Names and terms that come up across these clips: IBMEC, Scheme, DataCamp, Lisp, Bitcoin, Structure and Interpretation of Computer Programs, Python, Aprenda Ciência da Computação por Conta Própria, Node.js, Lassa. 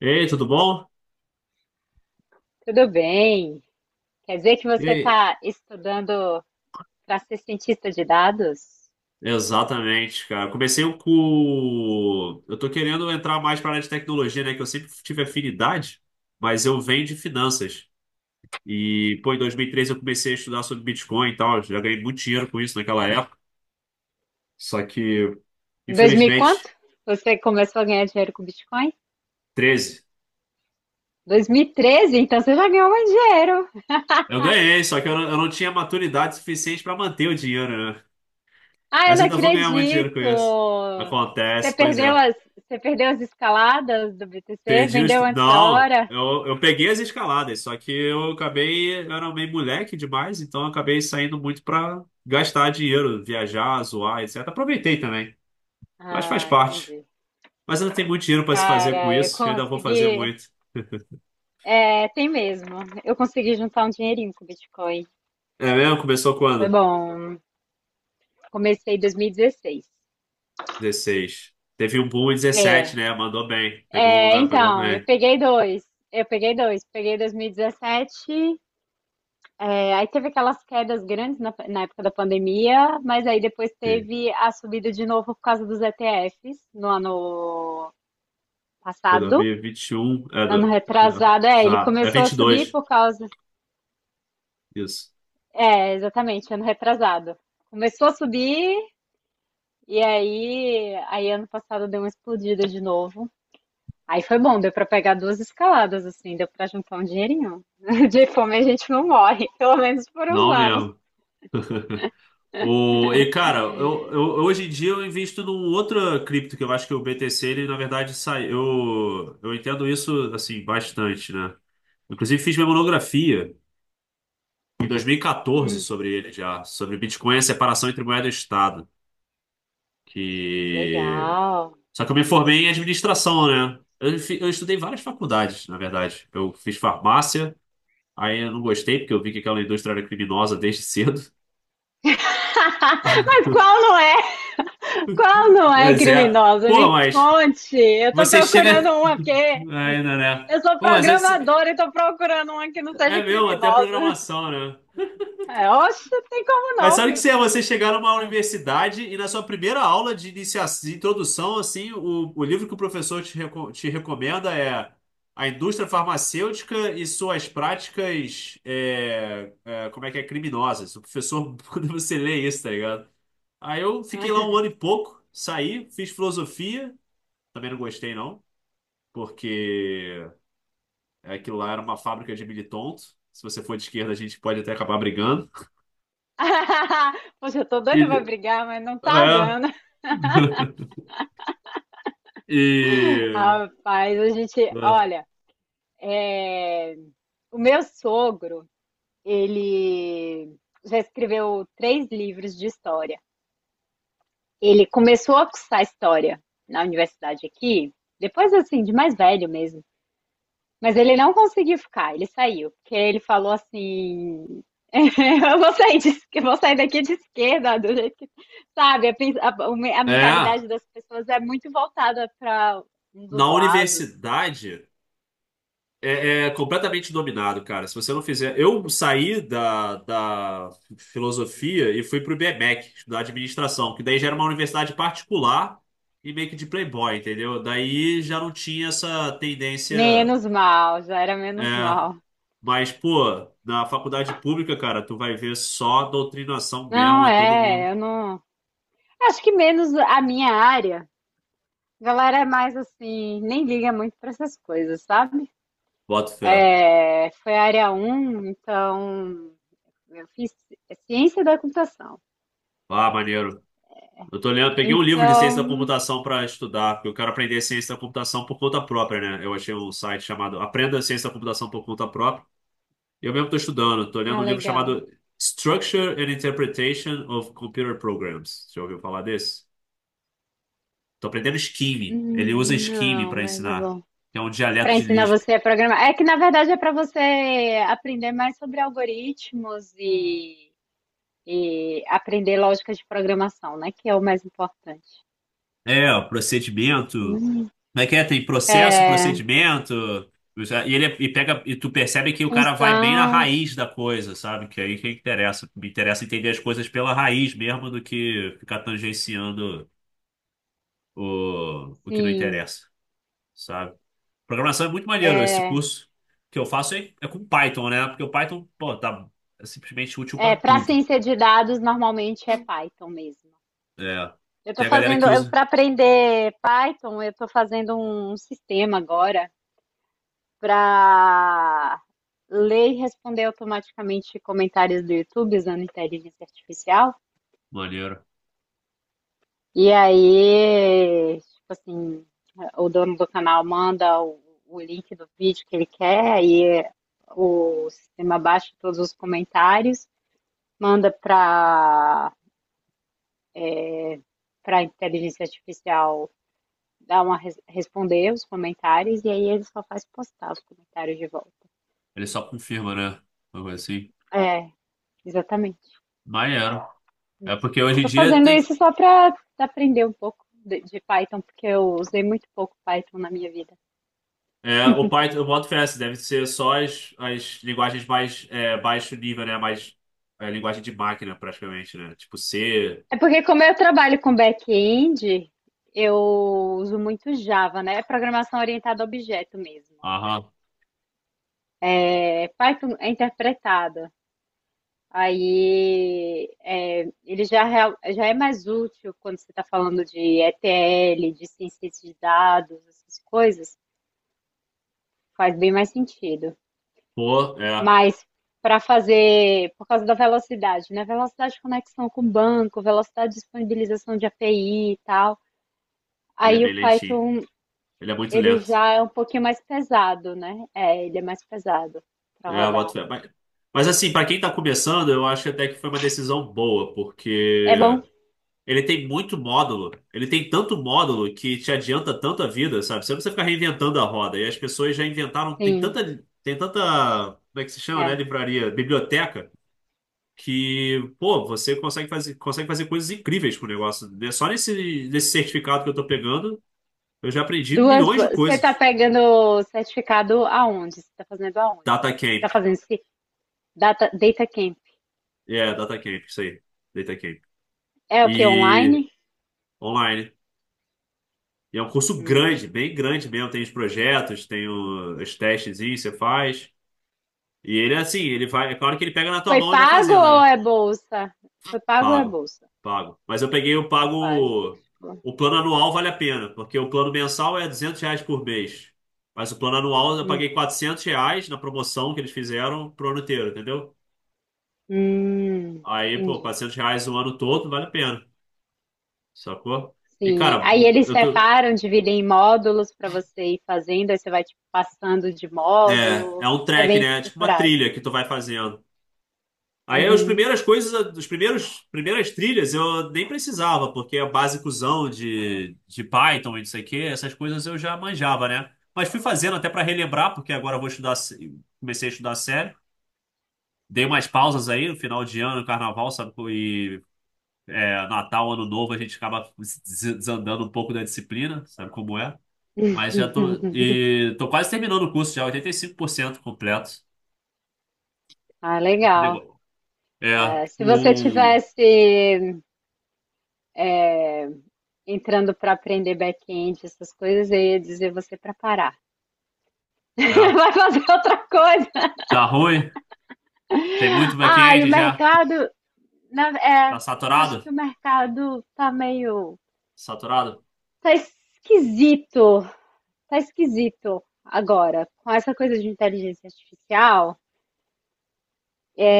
Ei, tudo bom? Tudo bem? Quer dizer que E você aí? está estudando para ser cientista de dados? Exatamente, cara. Comecei um com. Eu tô querendo entrar mais para área de tecnologia, né? Que eu sempre tive afinidade, mas eu venho de finanças. E, pô, em 2013 eu comecei a estudar sobre Bitcoin e tal. Já ganhei muito dinheiro com isso naquela época. Só que, Em 2000 e quanto infelizmente, você começou a ganhar dinheiro com Bitcoin? 13. 2013, então você já ganhou mais dinheiro. Eu ganhei, só que eu não tinha maturidade suficiente para manter o dinheiro, né? Ah, eu Mas não ainda vou ganhar muito dinheiro com acredito! isso. Você Acontece, pois perdeu é. as, você perdeu as escaladas do BTC? Perdi os. Vendeu antes da Não, hora? Eu peguei as escaladas, só que eu acabei. Eu era meio moleque demais, então eu acabei saindo muito pra gastar dinheiro, viajar, zoar, etc. Aproveitei também, mas faz Ah, parte. entendi. Mas ainda tem muito dinheiro pra se fazer com Cara, eu isso, eu ainda vou fazer consegui. muito. É, tem mesmo. Eu consegui juntar um dinheirinho com o Bitcoin. É mesmo? Começou Foi quando? bom. Comecei em 2016. Dezesseis. Teve um boom em É, 17, né? Mandou bem. Pegou um É, lugar, pegou então, eu bem. peguei dois. Eu peguei dois. Peguei 2017. Aí teve aquelas quedas grandes na época da pandemia, mas aí depois Sim. teve a subida de novo por causa dos ETFs no ano Foi dois passado. mil e vinte e um. É, Ano do... É, retrasado, ele exato. É começou a vinte e subir dois. por causa. Isso. É, exatamente, ano retrasado. Começou a subir e aí ano passado deu uma explodida de novo. Aí foi bom, deu pra pegar duas escaladas, assim, deu pra juntar um dinheirinho. De fome a gente não morre, pelo menos por uns Não anos. mesmo. O, e cara, hoje em dia eu invisto num outra cripto que eu acho que o BTC, ele na verdade sai. Eu entendo isso assim bastante, né? Inclusive fiz minha monografia em 2014 Hum, sobre ele já, sobre Bitcoin e a separação entre moeda e Estado. Que... legal. Só que eu me formei em administração, né? Eu estudei várias faculdades, na verdade. Eu fiz farmácia, aí eu não gostei porque eu vi que aquela indústria era criminosa desde cedo. Mas qual não é? Qual não é Mas é, criminosa? pô, Me mas conte. Eu tô você procurando chega. uma, porque Ainda, né? eu sou Bom, mas é, programadora e tô procurando uma que não é seja mesmo, até a criminosa. programação, né? É, oxe, não tem como Mas não, sabe o que viu? se é você chegar numa universidade e na sua primeira aula de iniciação, de introdução, assim, o livro que o professor te, reco- te recomenda é A Indústria Farmacêutica e Suas Práticas, como é que é, criminosas. O professor, quando você lê isso, tá ligado? Aí eu fiquei lá um ano e pouco, saí, fiz filosofia, também não gostei, não, porque aquilo lá era uma fábrica de militontos. Se você for de esquerda, a gente pode até acabar brigando. Poxa, eu tô doida pra E, brigar, mas não tá é, dando. e, Rapaz, a gente, é, olha. É, o meu sogro, ele já escreveu três livros de história. Ele começou a cursar história na universidade aqui, depois assim, de mais velho mesmo. Mas ele não conseguiu ficar, ele saiu, porque ele falou assim: eu vou sair, eu vou sair daqui de esquerda, do jeito que. Sabe, a É, mentalidade das pessoas é muito voltada para um dos na lados. universidade é completamente dominado, cara. Se você não fizer. Eu saí da filosofia e fui pro IBMEC, estudar administração, que daí já era uma universidade particular e meio que de playboy, entendeu? Daí já não tinha essa tendência. Menos mal, já era É, menos mal. mas, pô, na faculdade pública, cara, tu vai ver só doutrinação mesmo, Não, é todo é, mundo. eu não. Acho que menos a minha área. A galera é mais assim, nem liga muito para essas coisas, sabe? Bota fé. É, foi área um, então eu fiz ciência da computação. Ah, maneiro. Eu tô lendo, peguei um livro de ciência da Então, computação pra estudar, porque eu quero aprender ciência da computação por conta própria, né? Eu achei um site chamado Aprenda Ciência da Computação por Conta Própria. E eu mesmo tô estudando, tô lendo ah, um livro legal. chamado Structure and Interpretation of Computer Programs. Já ouviu falar desse? Tô aprendendo Scheme. Ele usa Scheme Não, pra mas é ensinar, bom. que é um Para dialeto de ensinar Lisp. você a programar. É que na verdade é para você aprender mais sobre algoritmos e aprender lógica de programação, né? Que é o mais importante. É, o procedimento. Hum, Como é que é? Tem processo, É. procedimento. E tu percebe que o cara vai bem na Função, raiz da coisa, sabe? Que aí que interessa. Me interessa entender as coisas pela raiz mesmo do que ficar tangenciando o que não sim. interessa, sabe? Programação é muito maneiro. Esse É, curso que eu faço é com Python, né? Porque o Python, pô, tá é simplesmente útil pra é para tudo. ciência de dados normalmente é Python mesmo. É. Eu tô Tem a galera fazendo, que eu usa. para aprender Python, eu tô fazendo um sistema agora para ler e responder automaticamente comentários do YouTube usando inteligência artificial. Maneiro. E aí, tipo assim, o dono do canal manda o link do vídeo que ele quer, aí o sistema baixa todos os comentários, manda para para inteligência artificial dar uma responder os comentários e aí ele só faz postar os comentários de volta. Ele só confirma, né? Uma coisa assim. É, exatamente. Maneiro. É porque hoje em Tô dia fazendo tem. isso só para aprender um pouco de Python, porque eu usei muito pouco Python na minha vida. É, o Python, eu boto fé, assim, deve ser só as linguagens mais baixo nível, né? Mais linguagem de máquina, praticamente, né? Tipo C, É porque como eu trabalho com back-end, eu uso muito Java, né? É programação orientada a objeto mesmo. aham, É, Python é interpretada. Ele já é mais útil quando você está falando de ETL, de ciência de dados, essas coisas, faz bem mais sentido. pô, é. Mas para fazer, por causa da velocidade, né? Velocidade de conexão com o banco, velocidade de disponibilização de API e tal. Ele é Aí o bem lentinho. Python, Ele é muito ele lento. já é um pouquinho mais pesado, né? É, ele é mais pesado para É, eu boto rodar. fé. Mas assim, pra quem tá começando, eu acho até que foi uma decisão boa, É bom? porque ele tem muito módulo. Ele tem tanto módulo que te adianta tanto a vida, sabe? Você não precisa ficar reinventando a roda. E as pessoas já inventaram. Tem Sim, tanta. Tem tanta. Como é que se chama, né? é. Livraria, biblioteca. Que, pô, você consegue fazer coisas incríveis com o negócio, né? Só nesse certificado que eu tô pegando, eu já aprendi Duas. milhões de Você está coisas. pegando certificado aonde? Você está fazendo aonde? Você DataCamp, está fazendo esse data camp? é, DataCamp, isso aí. DataCamp. É o que? E Online? online. E é um curso Hum. grande, bem grande mesmo. Tem os projetos, tem os testes, você faz. E ele é assim, ele vai. É claro que ele pega na tua Foi mão e vai pago fazendo, ou né? é bolsa? Foi pago ou é Pago, bolsa? pago. Mas eu peguei o Na página. pago. Tipo, O plano anual vale a pena, porque o plano mensal é 200 reais por mês. Mas o plano anual eu hum. paguei 400 reais na promoção que eles fizeram pro ano inteiro, entendeu? Aí, pô, Entendi. 400 reais o ano todo vale a pena, sacou? E, Sim. cara, Aí bu- eles eu tô. separam, dividem em módulos para você ir fazendo, aí você vai tipo, passando de É, módulo. é um É trek, bem né? É tipo uma estruturado. trilha que tu vai fazendo. Aí as Uhum. primeiras coisas, primeiras trilhas eu nem precisava, porque é basicozão de Python e não sei o quê, essas coisas eu já manjava, né? Mas fui fazendo até para relembrar, porque agora eu vou estudar, comecei a estudar sério. Dei umas pausas aí no final de ano, carnaval, sabe? Natal, Ano Novo, a gente acaba desandando um pouco da disciplina, sabe como é? Mas já tô. E tô quase terminando o curso já, 85% completo. Ah, Esse legal. negócio- É, É, se você o. tivesse entrando para aprender back-end, essas coisas, eu ia dizer você para parar. É, Vai fazer outra coisa. tá ruim. Tem muito Ah, e o back-end já? mercado, é, Tá acho saturado? que o mercado tá meio, Saturado? tá esquisito, tá esquisito agora, com essa coisa de inteligência artificial,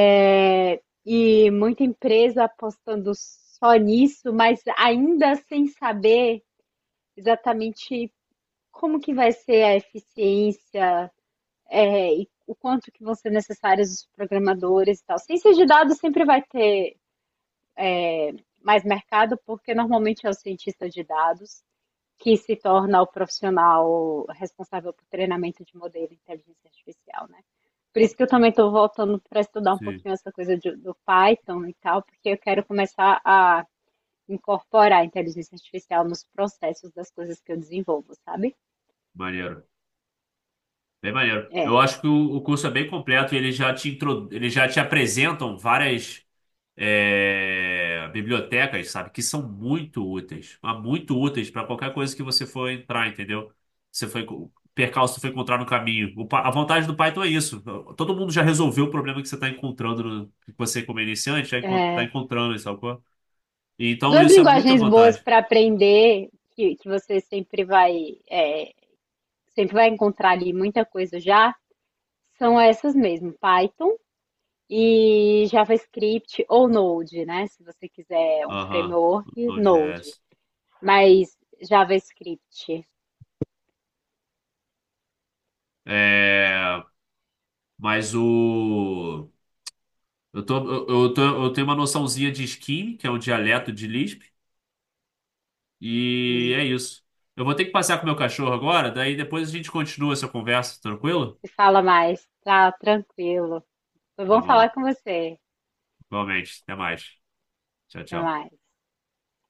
e muita empresa apostando só nisso, mas ainda sem saber exatamente como que vai ser a eficiência, e o quanto que vão ser necessários os programadores e tal. Ciência de dados sempre vai ter mais mercado, porque normalmente é o cientista de dados que se torna o profissional responsável por treinamento de modelo de inteligência artificial, né? Por isso que eu também estou voltando para estudar um Sim. pouquinho essa coisa de, do Python e tal, porque eu quero começar a incorporar a inteligência artificial nos processos das coisas que eu desenvolvo, sabe? Maneiro. Bem maneiro. Eu É, acho que o curso é bem completo e eles já eles já te apresentam várias bibliotecas, sabe? Que são muito úteis. Mas muito úteis para qualquer coisa que você for entrar, entendeu? Você foi, percalço que foi encontrar no caminho. A vantagem do Python é isso. Todo mundo já resolveu o problema que você está encontrando, que você, como iniciante, já está é encontrando, sabe? Qual? Então, duas isso é muita linguagens boas vantagem. para aprender, que você sempre vai, sempre vai encontrar ali muita coisa já, são essas mesmo, Python e JavaScript ou Node, né? Se você quiser um Aham, framework, Node. Node.js. Mas JavaScript, É, mas o. Eu tenho uma noçãozinha de Scheme, que é um dialeto de Lisp, e hum, é isso. Eu vou ter que passear com meu cachorro agora, daí depois a gente continua essa conversa, tranquilo? se fala mais, tá tranquilo. Foi Tá bom falar bom, com você. igualmente. Até mais. Tchau, Até tchau. mais.